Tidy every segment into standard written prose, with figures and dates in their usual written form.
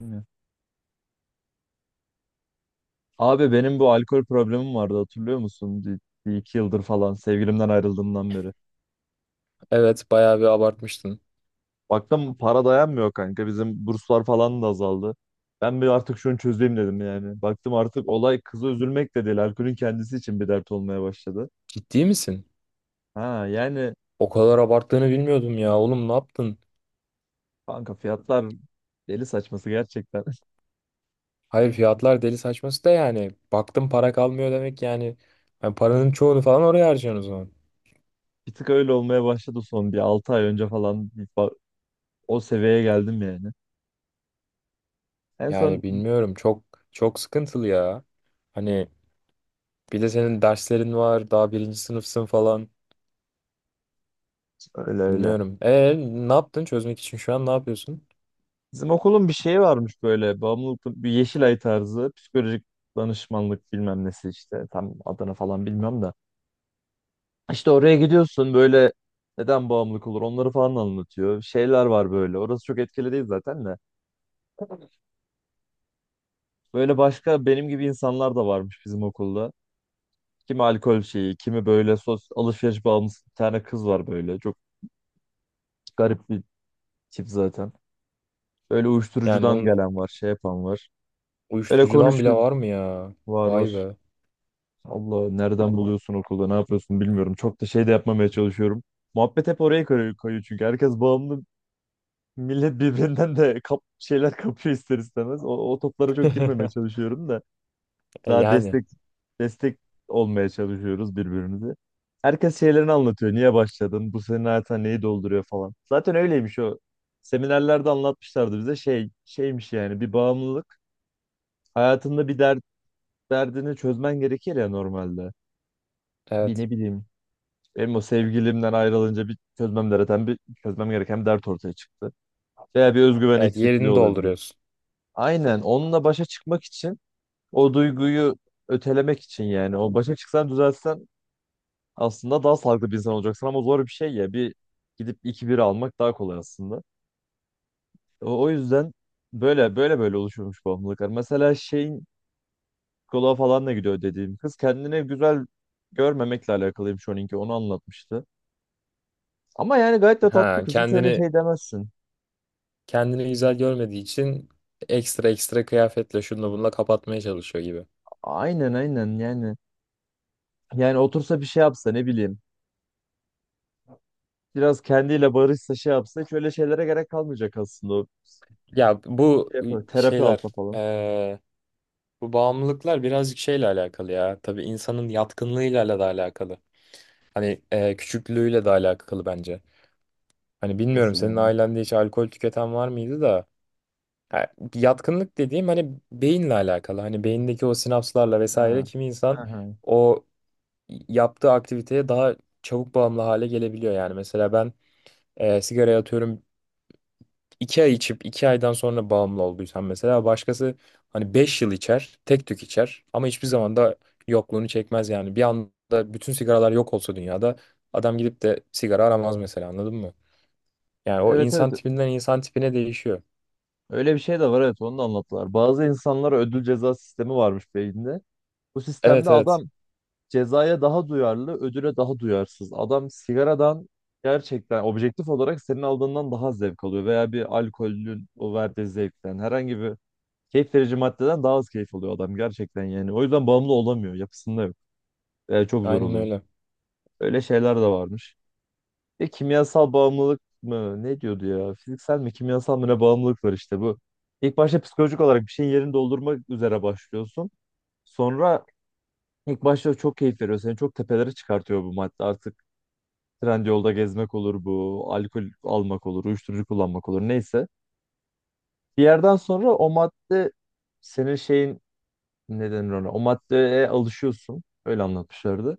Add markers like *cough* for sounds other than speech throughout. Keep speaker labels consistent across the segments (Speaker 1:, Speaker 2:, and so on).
Speaker 1: Bilmiyorum. Abi benim bu alkol problemim vardı hatırlıyor musun? Bir iki yıldır falan sevgilimden ayrıldığımdan beri.
Speaker 2: Evet bayağı bir abartmıştın.
Speaker 1: Baktım para dayanmıyor kanka, bizim burslar falan da azaldı. Ben bir artık şunu çözeyim dedim yani. Baktım artık olay kıza üzülmek de değil, alkolün kendisi için bir dert olmaya başladı.
Speaker 2: Ciddi misin?
Speaker 1: Ha yani
Speaker 2: O kadar abarttığını bilmiyordum ya. Oğlum ne yaptın?
Speaker 1: kanka, fiyatlar deli saçması gerçekten. *laughs*
Speaker 2: Hayır fiyatlar deli saçması da yani. Baktım para kalmıyor demek yani. Hani paranın çoğunu falan oraya harcıyorsun o zaman.
Speaker 1: Bir tık öyle olmaya başladı, son bir 6 ay önce falan o seviyeye geldim yani. En
Speaker 2: Yani
Speaker 1: son
Speaker 2: bilmiyorum çok çok sıkıntılı ya. Hani bir de senin derslerin var daha birinci sınıfsın falan.
Speaker 1: öyle öyle.
Speaker 2: Bilmiyorum. Ne yaptın çözmek için şu an ne yapıyorsun?
Speaker 1: Bizim okulun bir şeyi varmış, böyle bağımlılık, bir Yeşilay tarzı psikolojik danışmanlık bilmem nesi işte, tam adını falan bilmiyorum da. İşte oraya gidiyorsun böyle, neden bağımlılık olur onları falan anlatıyor. Şeyler var böyle, orası çok etkili değil zaten de. Böyle başka benim gibi insanlar da varmış bizim okulda. Kimi alkol şeyi, kimi böyle sos alışveriş bağımlısı, bir tane kız var böyle çok garip bir tip zaten. Böyle
Speaker 2: Yani
Speaker 1: uyuşturucudan
Speaker 2: onun
Speaker 1: gelen var, şey yapan var. Böyle
Speaker 2: uyuşturucudan bile
Speaker 1: konuşuyor,
Speaker 2: var mı ya?
Speaker 1: var
Speaker 2: Vay
Speaker 1: var.
Speaker 2: be.
Speaker 1: Allah nereden buluyorsun okulda ne yapıyorsun bilmiyorum. Çok da şey de yapmamaya çalışıyorum. Muhabbet hep oraya kayıyor çünkü herkes bağımlı. Millet birbirinden de şeyler kapıyor ister istemez. O toplara çok girmemeye
Speaker 2: *laughs*
Speaker 1: çalışıyorum da
Speaker 2: E,
Speaker 1: daha
Speaker 2: yani
Speaker 1: destek olmaya çalışıyoruz birbirimize. Herkes şeylerini anlatıyor. Niye başladın? Bu senin hayatına neyi dolduruyor falan. Zaten öyleymiş o. Seminerlerde anlatmışlardı bize, şey şeymiş yani bir bağımlılık. Hayatında bir derdini çözmen gerekir ya normalde. Bir
Speaker 2: evet.
Speaker 1: ne bileyim, benim o sevgilimden ayrılınca bir çözmem gereken bir dert ortaya çıktı. Veya bir özgüven
Speaker 2: Evet
Speaker 1: eksikliği
Speaker 2: yerini
Speaker 1: olabilir.
Speaker 2: dolduruyorsun.
Speaker 1: Aynen, onunla başa çıkmak için, o duyguyu ötelemek için yani, o başa çıksan düzelsen aslında daha sağlıklı bir insan olacaksın, ama zor bir şey ya, bir gidip iki bira almak daha kolay aslında. O yüzden böyle oluşuyormuş bağımlılıklar. Mesela şeyin, psikoloğa falan da gidiyor dediğim kız, kendine güzel görmemekle alakalıymış, onunki onu anlatmıştı. Ama yani gayet de tatlı
Speaker 2: Ha,
Speaker 1: kız, hiç öyle
Speaker 2: kendini
Speaker 1: şey demezsin.
Speaker 2: kendini güzel görmediği için ekstra ekstra kıyafetle şununla bununla kapatmaya çalışıyor gibi.
Speaker 1: Aynen aynen yani. Yani otursa bir şey yapsa ne bileyim. Biraz kendiyle barışsa şey yapsa hiç öyle şeylere gerek kalmayacak aslında. O
Speaker 2: Ya bu
Speaker 1: şey yapar, terapi
Speaker 2: şeyler
Speaker 1: alsa falan.
Speaker 2: eee, bu bağımlılıklar birazcık şeyle alakalı ya. Tabii insanın yatkınlığıyla da alakalı. Hani küçüklüğüyle de alakalı bence. Hani bilmiyorum
Speaker 1: Nasıl
Speaker 2: senin
Speaker 1: yani?
Speaker 2: ailende hiç alkol tüketen var mıydı da ha, yatkınlık dediğim hani beyinle alakalı. Hani beyindeki o sinapslarla vesaire
Speaker 1: Ha.
Speaker 2: kimi
Speaker 1: Ha,
Speaker 2: insan
Speaker 1: ha.
Speaker 2: o yaptığı aktiviteye daha çabuk bağımlı hale gelebiliyor yani. Mesela ben sigaraya atıyorum iki ay içip iki aydan sonra bağımlı olduysam mesela başkası hani beş yıl içer, tek tük içer ama hiçbir zaman da yokluğunu çekmez yani. Bir anda bütün sigaralar yok olsa dünyada adam gidip de sigara aramaz mesela anladın mı? Yani o
Speaker 1: Evet evet,
Speaker 2: insan tipinden insan tipine değişiyor.
Speaker 1: öyle bir şey de var, evet onu da anlattılar. Bazı insanlara ödül ceza sistemi varmış beyinde. Bu sistemde
Speaker 2: Evet evet
Speaker 1: adam cezaya daha duyarlı, ödüle daha duyarsız. Adam sigaradan gerçekten objektif olarak senin aldığından daha zevk alıyor veya bir alkolün o verdiği zevkten, herhangi bir keyif verici maddeden daha az keyif alıyor adam gerçekten yani. O yüzden bağımlı olamıyor. Yapısında yok. Yani çok zor
Speaker 2: aynen
Speaker 1: oluyor.
Speaker 2: öyle.
Speaker 1: Öyle şeyler de varmış. E, kimyasal bağımlılık mı? Ne diyordu ya? Fiziksel mi, kimyasal mı, ne bağımlılık var işte bu. İlk başta psikolojik olarak bir şeyin yerini doldurmak üzere başlıyorsun. Sonra ilk başta çok keyif veriyor. Seni çok tepelere çıkartıyor bu madde. Artık Trendyol'da gezmek olur bu. Alkol almak olur. Uyuşturucu kullanmak olur. Neyse. Bir yerden sonra o madde senin şeyin, ne denir ona? O maddeye alışıyorsun. Öyle anlatmışlardı.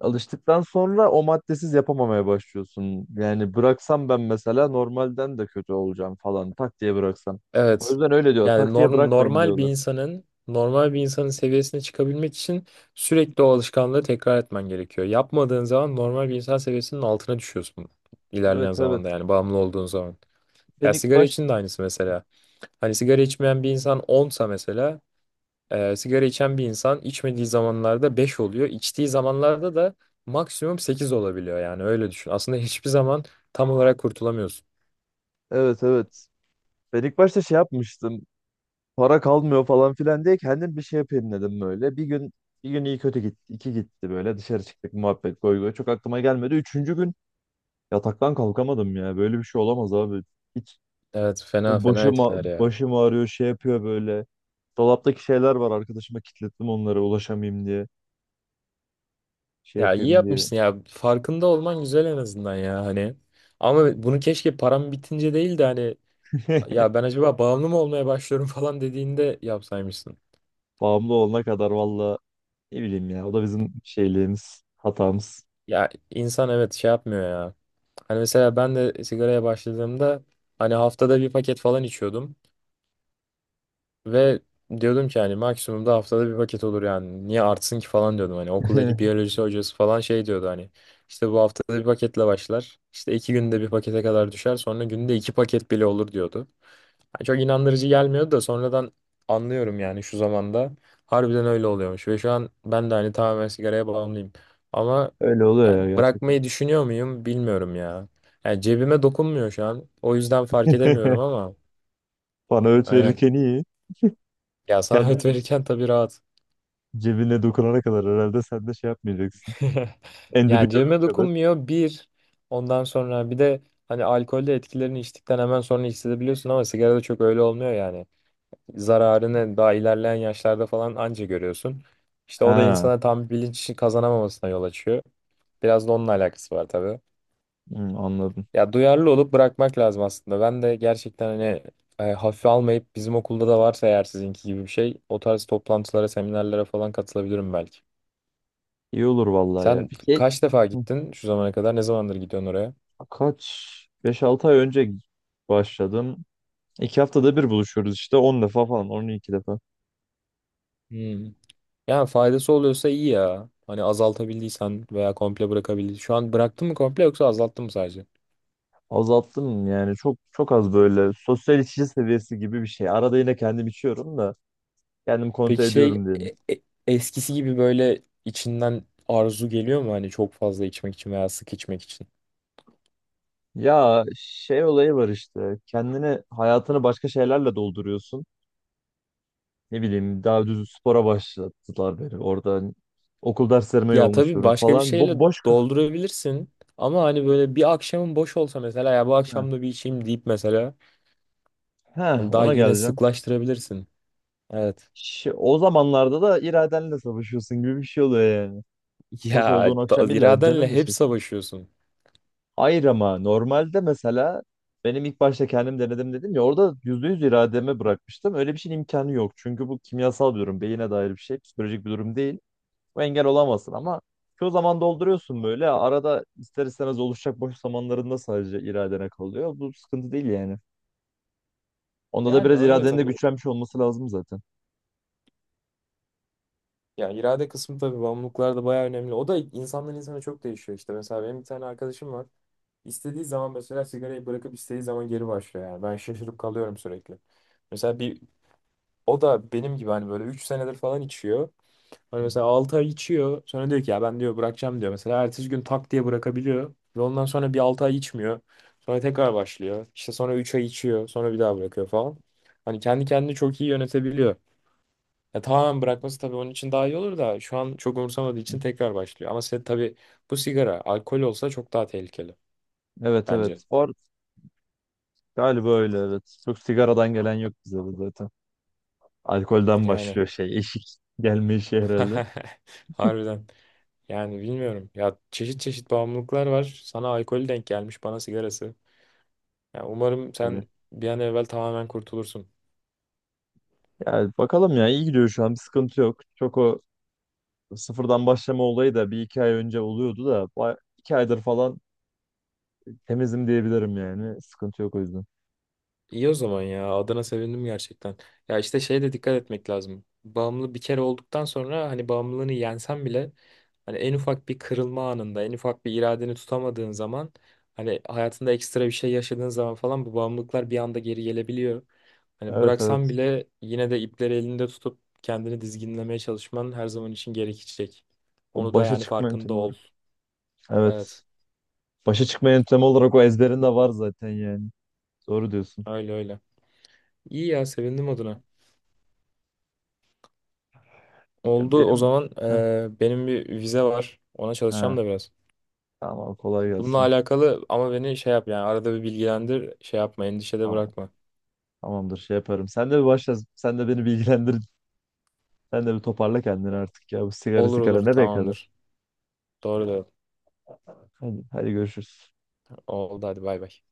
Speaker 1: Alıştıktan sonra o maddesiz yapamamaya başlıyorsun. Yani bıraksam ben mesela normalden de kötü olacağım falan, tak diye bıraksam. O
Speaker 2: Evet.
Speaker 1: yüzden öyle diyor.
Speaker 2: Yani
Speaker 1: Tak diye
Speaker 2: norm,
Speaker 1: bırakmayın
Speaker 2: normal bir
Speaker 1: diyorlar.
Speaker 2: insanın normal bir insanın seviyesine çıkabilmek için sürekli o alışkanlığı tekrar etmen gerekiyor. Yapmadığın zaman normal bir insan seviyesinin altına düşüyorsun ilerleyen
Speaker 1: Evet
Speaker 2: zamanda
Speaker 1: evet.
Speaker 2: yani bağımlı olduğun zaman.
Speaker 1: Ben
Speaker 2: Ya
Speaker 1: ilk
Speaker 2: sigara
Speaker 1: baş
Speaker 2: için de aynısı mesela. Hani sigara içmeyen bir insan 10'sa mesela sigara içen bir insan içmediği zamanlarda 5 oluyor. İçtiği zamanlarda da maksimum 8 olabiliyor yani öyle düşün. Aslında hiçbir zaman tam olarak kurtulamıyorsun.
Speaker 1: Evet evet. Ben ilk başta şey yapmıştım. Para kalmıyor falan filan diye kendim bir şey yapayım dedim böyle. Bir gün iyi kötü gitti. İki gitti böyle, dışarı çıktık muhabbet goy goy. Çok aklıma gelmedi. Üçüncü gün yataktan kalkamadım ya. Böyle bir şey olamaz abi. Hiç
Speaker 2: Evet fena
Speaker 1: böyle
Speaker 2: fena
Speaker 1: başım, ağ-
Speaker 2: etkiler ya.
Speaker 1: başım ağrıyor şey yapıyor böyle. Dolaptaki şeyler var, arkadaşıma kilitledim onları ulaşamayayım diye. Şey
Speaker 2: Ya iyi
Speaker 1: yapayım diye.
Speaker 2: yapmışsın ya. Farkında olman güzel en azından ya hani. Ama bunu keşke param bitince değil de hani ya ben
Speaker 1: *laughs*
Speaker 2: acaba bağımlı mı olmaya başlıyorum *laughs* falan dediğinde yapsaymışsın.
Speaker 1: Bağımlı olana kadar valla ne bileyim ya. O da bizim şeyliğimiz, hatamız.
Speaker 2: Ya insan evet şey yapmıyor ya. Hani mesela ben de sigaraya başladığımda hani haftada bir paket falan içiyordum. Ve diyordum ki hani maksimum da haftada bir paket olur yani. Niye artsın ki falan diyordum. Hani okuldaki
Speaker 1: *laughs*
Speaker 2: biyoloji hocası falan şey diyordu hani. İşte bu haftada bir paketle başlar. İşte iki günde bir pakete kadar düşer. Sonra günde iki paket bile olur diyordu. Yani çok inandırıcı gelmiyordu da sonradan anlıyorum yani şu zamanda. Harbiden öyle oluyormuş. Ve şu an ben de hani tamamen sigaraya bağımlıyım. Ama
Speaker 1: Öyle oluyor
Speaker 2: yani
Speaker 1: ya gerçekten.
Speaker 2: bırakmayı düşünüyor muyum bilmiyorum ya. Yani cebime dokunmuyor şu an. O yüzden fark edemiyorum
Speaker 1: *laughs*
Speaker 2: ama
Speaker 1: Bana öğüt
Speaker 2: aynen.
Speaker 1: verirken iyi.
Speaker 2: Ya sana *laughs* öğüt
Speaker 1: Kendim
Speaker 2: verirken tabii rahat. *laughs*
Speaker 1: Cebine dokunana kadar herhalde sen de şey yapmayacaksın. En dibi
Speaker 2: Yani
Speaker 1: görene
Speaker 2: cebime
Speaker 1: kadar.
Speaker 2: dokunmuyor bir. Ondan sonra bir de hani alkolde etkilerini içtikten hemen sonra hissedebiliyorsun ama sigarada çok öyle olmuyor yani. Zararını daha ilerleyen yaşlarda falan anca görüyorsun. İşte o da
Speaker 1: Ha,
Speaker 2: insana tam bilinç kazanamamasına yol açıyor. Biraz da onunla alakası var tabii.
Speaker 1: hı, anladım.
Speaker 2: Ya duyarlı olup bırakmak lazım aslında. Ben de gerçekten hani hafife almayıp bizim okulda da varsa eğer sizinki gibi bir şey o tarz toplantılara, seminerlere falan katılabilirim belki.
Speaker 1: İyi olur vallahi ya.
Speaker 2: Sen
Speaker 1: Peki,
Speaker 2: kaç defa
Speaker 1: hı,
Speaker 2: gittin şu zamana kadar? Ne zamandır gidiyorsun oraya?
Speaker 1: kaç? 5-6 ay önce başladım. 2 haftada bir buluşuyoruz işte. 10 defa falan, 12 defa.
Speaker 2: Hmm. Yani faydası oluyorsa iyi ya. Hani azaltabildiysen veya komple bırakabildiysen. Şu an bıraktın mı komple yoksa azalttın mı sadece?
Speaker 1: Azalttım yani, çok çok az, böyle sosyal içici seviyesi gibi bir şey. Arada yine kendim içiyorum da kendim kontrol
Speaker 2: Peki şey
Speaker 1: ediyorum diyelim.
Speaker 2: eskisi gibi böyle içinden arzu geliyor mu hani çok fazla içmek için veya sık içmek için?
Speaker 1: Ya şey olayı var işte, kendini hayatını başka şeylerle dolduruyorsun. Ne bileyim, daha düz spora başlattılar beni. Orada okul derslerime
Speaker 2: Ya tabii
Speaker 1: yoğunlaşıyorum
Speaker 2: başka bir
Speaker 1: falan.
Speaker 2: şeyle
Speaker 1: Boş kafa.
Speaker 2: doldurabilirsin ama hani böyle bir akşamın boş olsa mesela ya bu akşam da bir içeyim deyip mesela
Speaker 1: Heh,
Speaker 2: hani daha
Speaker 1: ona
Speaker 2: yine
Speaker 1: geleceğim.
Speaker 2: sıklaştırabilirsin. Evet.
Speaker 1: O zamanlarda da iradenle savaşıyorsun gibi bir şey oluyor yani.
Speaker 2: *laughs*
Speaker 1: Boş olduğun
Speaker 2: Ya
Speaker 1: akşam illa
Speaker 2: iradenle
Speaker 1: canın da
Speaker 2: hep
Speaker 1: çek.
Speaker 2: savaşıyorsun.
Speaker 1: Hayır ama normalde mesela benim ilk başta kendim denedim dedim ya, orada %100 irademe bırakmıştım. Öyle bir şeyin imkanı yok. Çünkü bu kimyasal bir durum. Beyine dair bir şey. Psikolojik bir durum değil. Bu engel olamazsın, ama çoğu zaman dolduruyorsun böyle. Arada ister istemez oluşacak boş zamanlarında sadece iradene kalıyor. Bu sıkıntı değil yani. Onda da
Speaker 2: Yani
Speaker 1: biraz
Speaker 2: öyle
Speaker 1: iradenin de
Speaker 2: tabii.
Speaker 1: güçlenmiş olması lazım zaten.
Speaker 2: Ya irade kısmı tabii bağımlılıklar da bayağı önemli. O da insandan insana çok değişiyor işte. Mesela benim bir tane arkadaşım var. İstediği zaman mesela sigarayı bırakıp istediği zaman geri başlıyor yani. Ben şaşırıp kalıyorum sürekli. Mesela bir o da benim gibi hani böyle 3 senedir falan içiyor. Hani
Speaker 1: Hı
Speaker 2: mesela
Speaker 1: hı.
Speaker 2: 6 ay içiyor. Sonra diyor ki ya ben diyor bırakacağım diyor. Mesela ertesi gün tak diye bırakabiliyor. Ve ondan sonra bir 6 ay içmiyor. Sonra tekrar başlıyor. İşte sonra 3 ay içiyor. Sonra bir daha bırakıyor falan. Hani kendi kendini çok iyi yönetebiliyor. Ya tamamen bırakması tabii onun için daha iyi olur da şu an çok umursamadığı için tekrar başlıyor. Ama sen tabii bu sigara alkol olsa çok daha tehlikeli
Speaker 1: Evet
Speaker 2: bence.
Speaker 1: evet. Bu arada galiba öyle evet. Çok sigaradan gelen yok bize de zaten. Alkolden
Speaker 2: Yani
Speaker 1: başlıyor şey. Eşik gelme işi
Speaker 2: *laughs*
Speaker 1: herhalde.
Speaker 2: harbiden yani bilmiyorum ya çeşit çeşit bağımlılıklar var. Sana alkolü denk gelmiş bana sigarası. Ya umarım sen
Speaker 1: Öyle.
Speaker 2: bir an evvel tamamen kurtulursun.
Speaker 1: Yani bakalım ya, iyi gidiyor şu an. Bir sıkıntı yok. Çok o sıfırdan başlama olayı da bir iki ay önce oluyordu da, 2 aydır falan temizim diyebilirim yani. Sıkıntı yok o yüzden.
Speaker 2: İyi o zaman ya. Adına sevindim gerçekten. Ya işte şeye de dikkat etmek lazım. Bağımlı bir kere olduktan sonra hani bağımlılığını yensen bile hani en ufak bir kırılma anında, en ufak bir iradeni tutamadığın zaman hani hayatında ekstra bir şey yaşadığın zaman falan bu bağımlılıklar bir anda geri gelebiliyor. Hani
Speaker 1: Evet
Speaker 2: bıraksan
Speaker 1: evet.
Speaker 2: bile yine de ipleri elinde tutup kendini dizginlemeye çalışman her zaman için gerekecek.
Speaker 1: O
Speaker 2: Onu da
Speaker 1: başa
Speaker 2: yani
Speaker 1: çıkma
Speaker 2: farkında
Speaker 1: yöntemi
Speaker 2: ol.
Speaker 1: olarak. Evet.
Speaker 2: Evet,
Speaker 1: Başa çıkma yöntemi olarak o ezberinde var zaten yani. Doğru diyorsun.
Speaker 2: öyle öyle. İyi ya, sevindim adına.
Speaker 1: Ya
Speaker 2: Oldu. O
Speaker 1: benim
Speaker 2: zaman
Speaker 1: Heh,
Speaker 2: benim bir vize var. Ona çalışacağım
Speaker 1: ha,
Speaker 2: da biraz.
Speaker 1: tamam kolay
Speaker 2: Bununla
Speaker 1: gelsin.
Speaker 2: alakalı ama beni şey yap yani arada bir bilgilendir. Şey yapma, endişede
Speaker 1: Tamam.
Speaker 2: bırakma.
Speaker 1: Tamamdır şey yaparım. Sen de bir başla. Sen de beni bilgilendir. Sen de bir toparla kendini artık ya. Bu sigara
Speaker 2: Olur
Speaker 1: sigara
Speaker 2: olur
Speaker 1: nereye kadar?
Speaker 2: tamamdır. Doğru da
Speaker 1: Hadi, hadi görüşürüz.
Speaker 2: oldu hadi bay bay.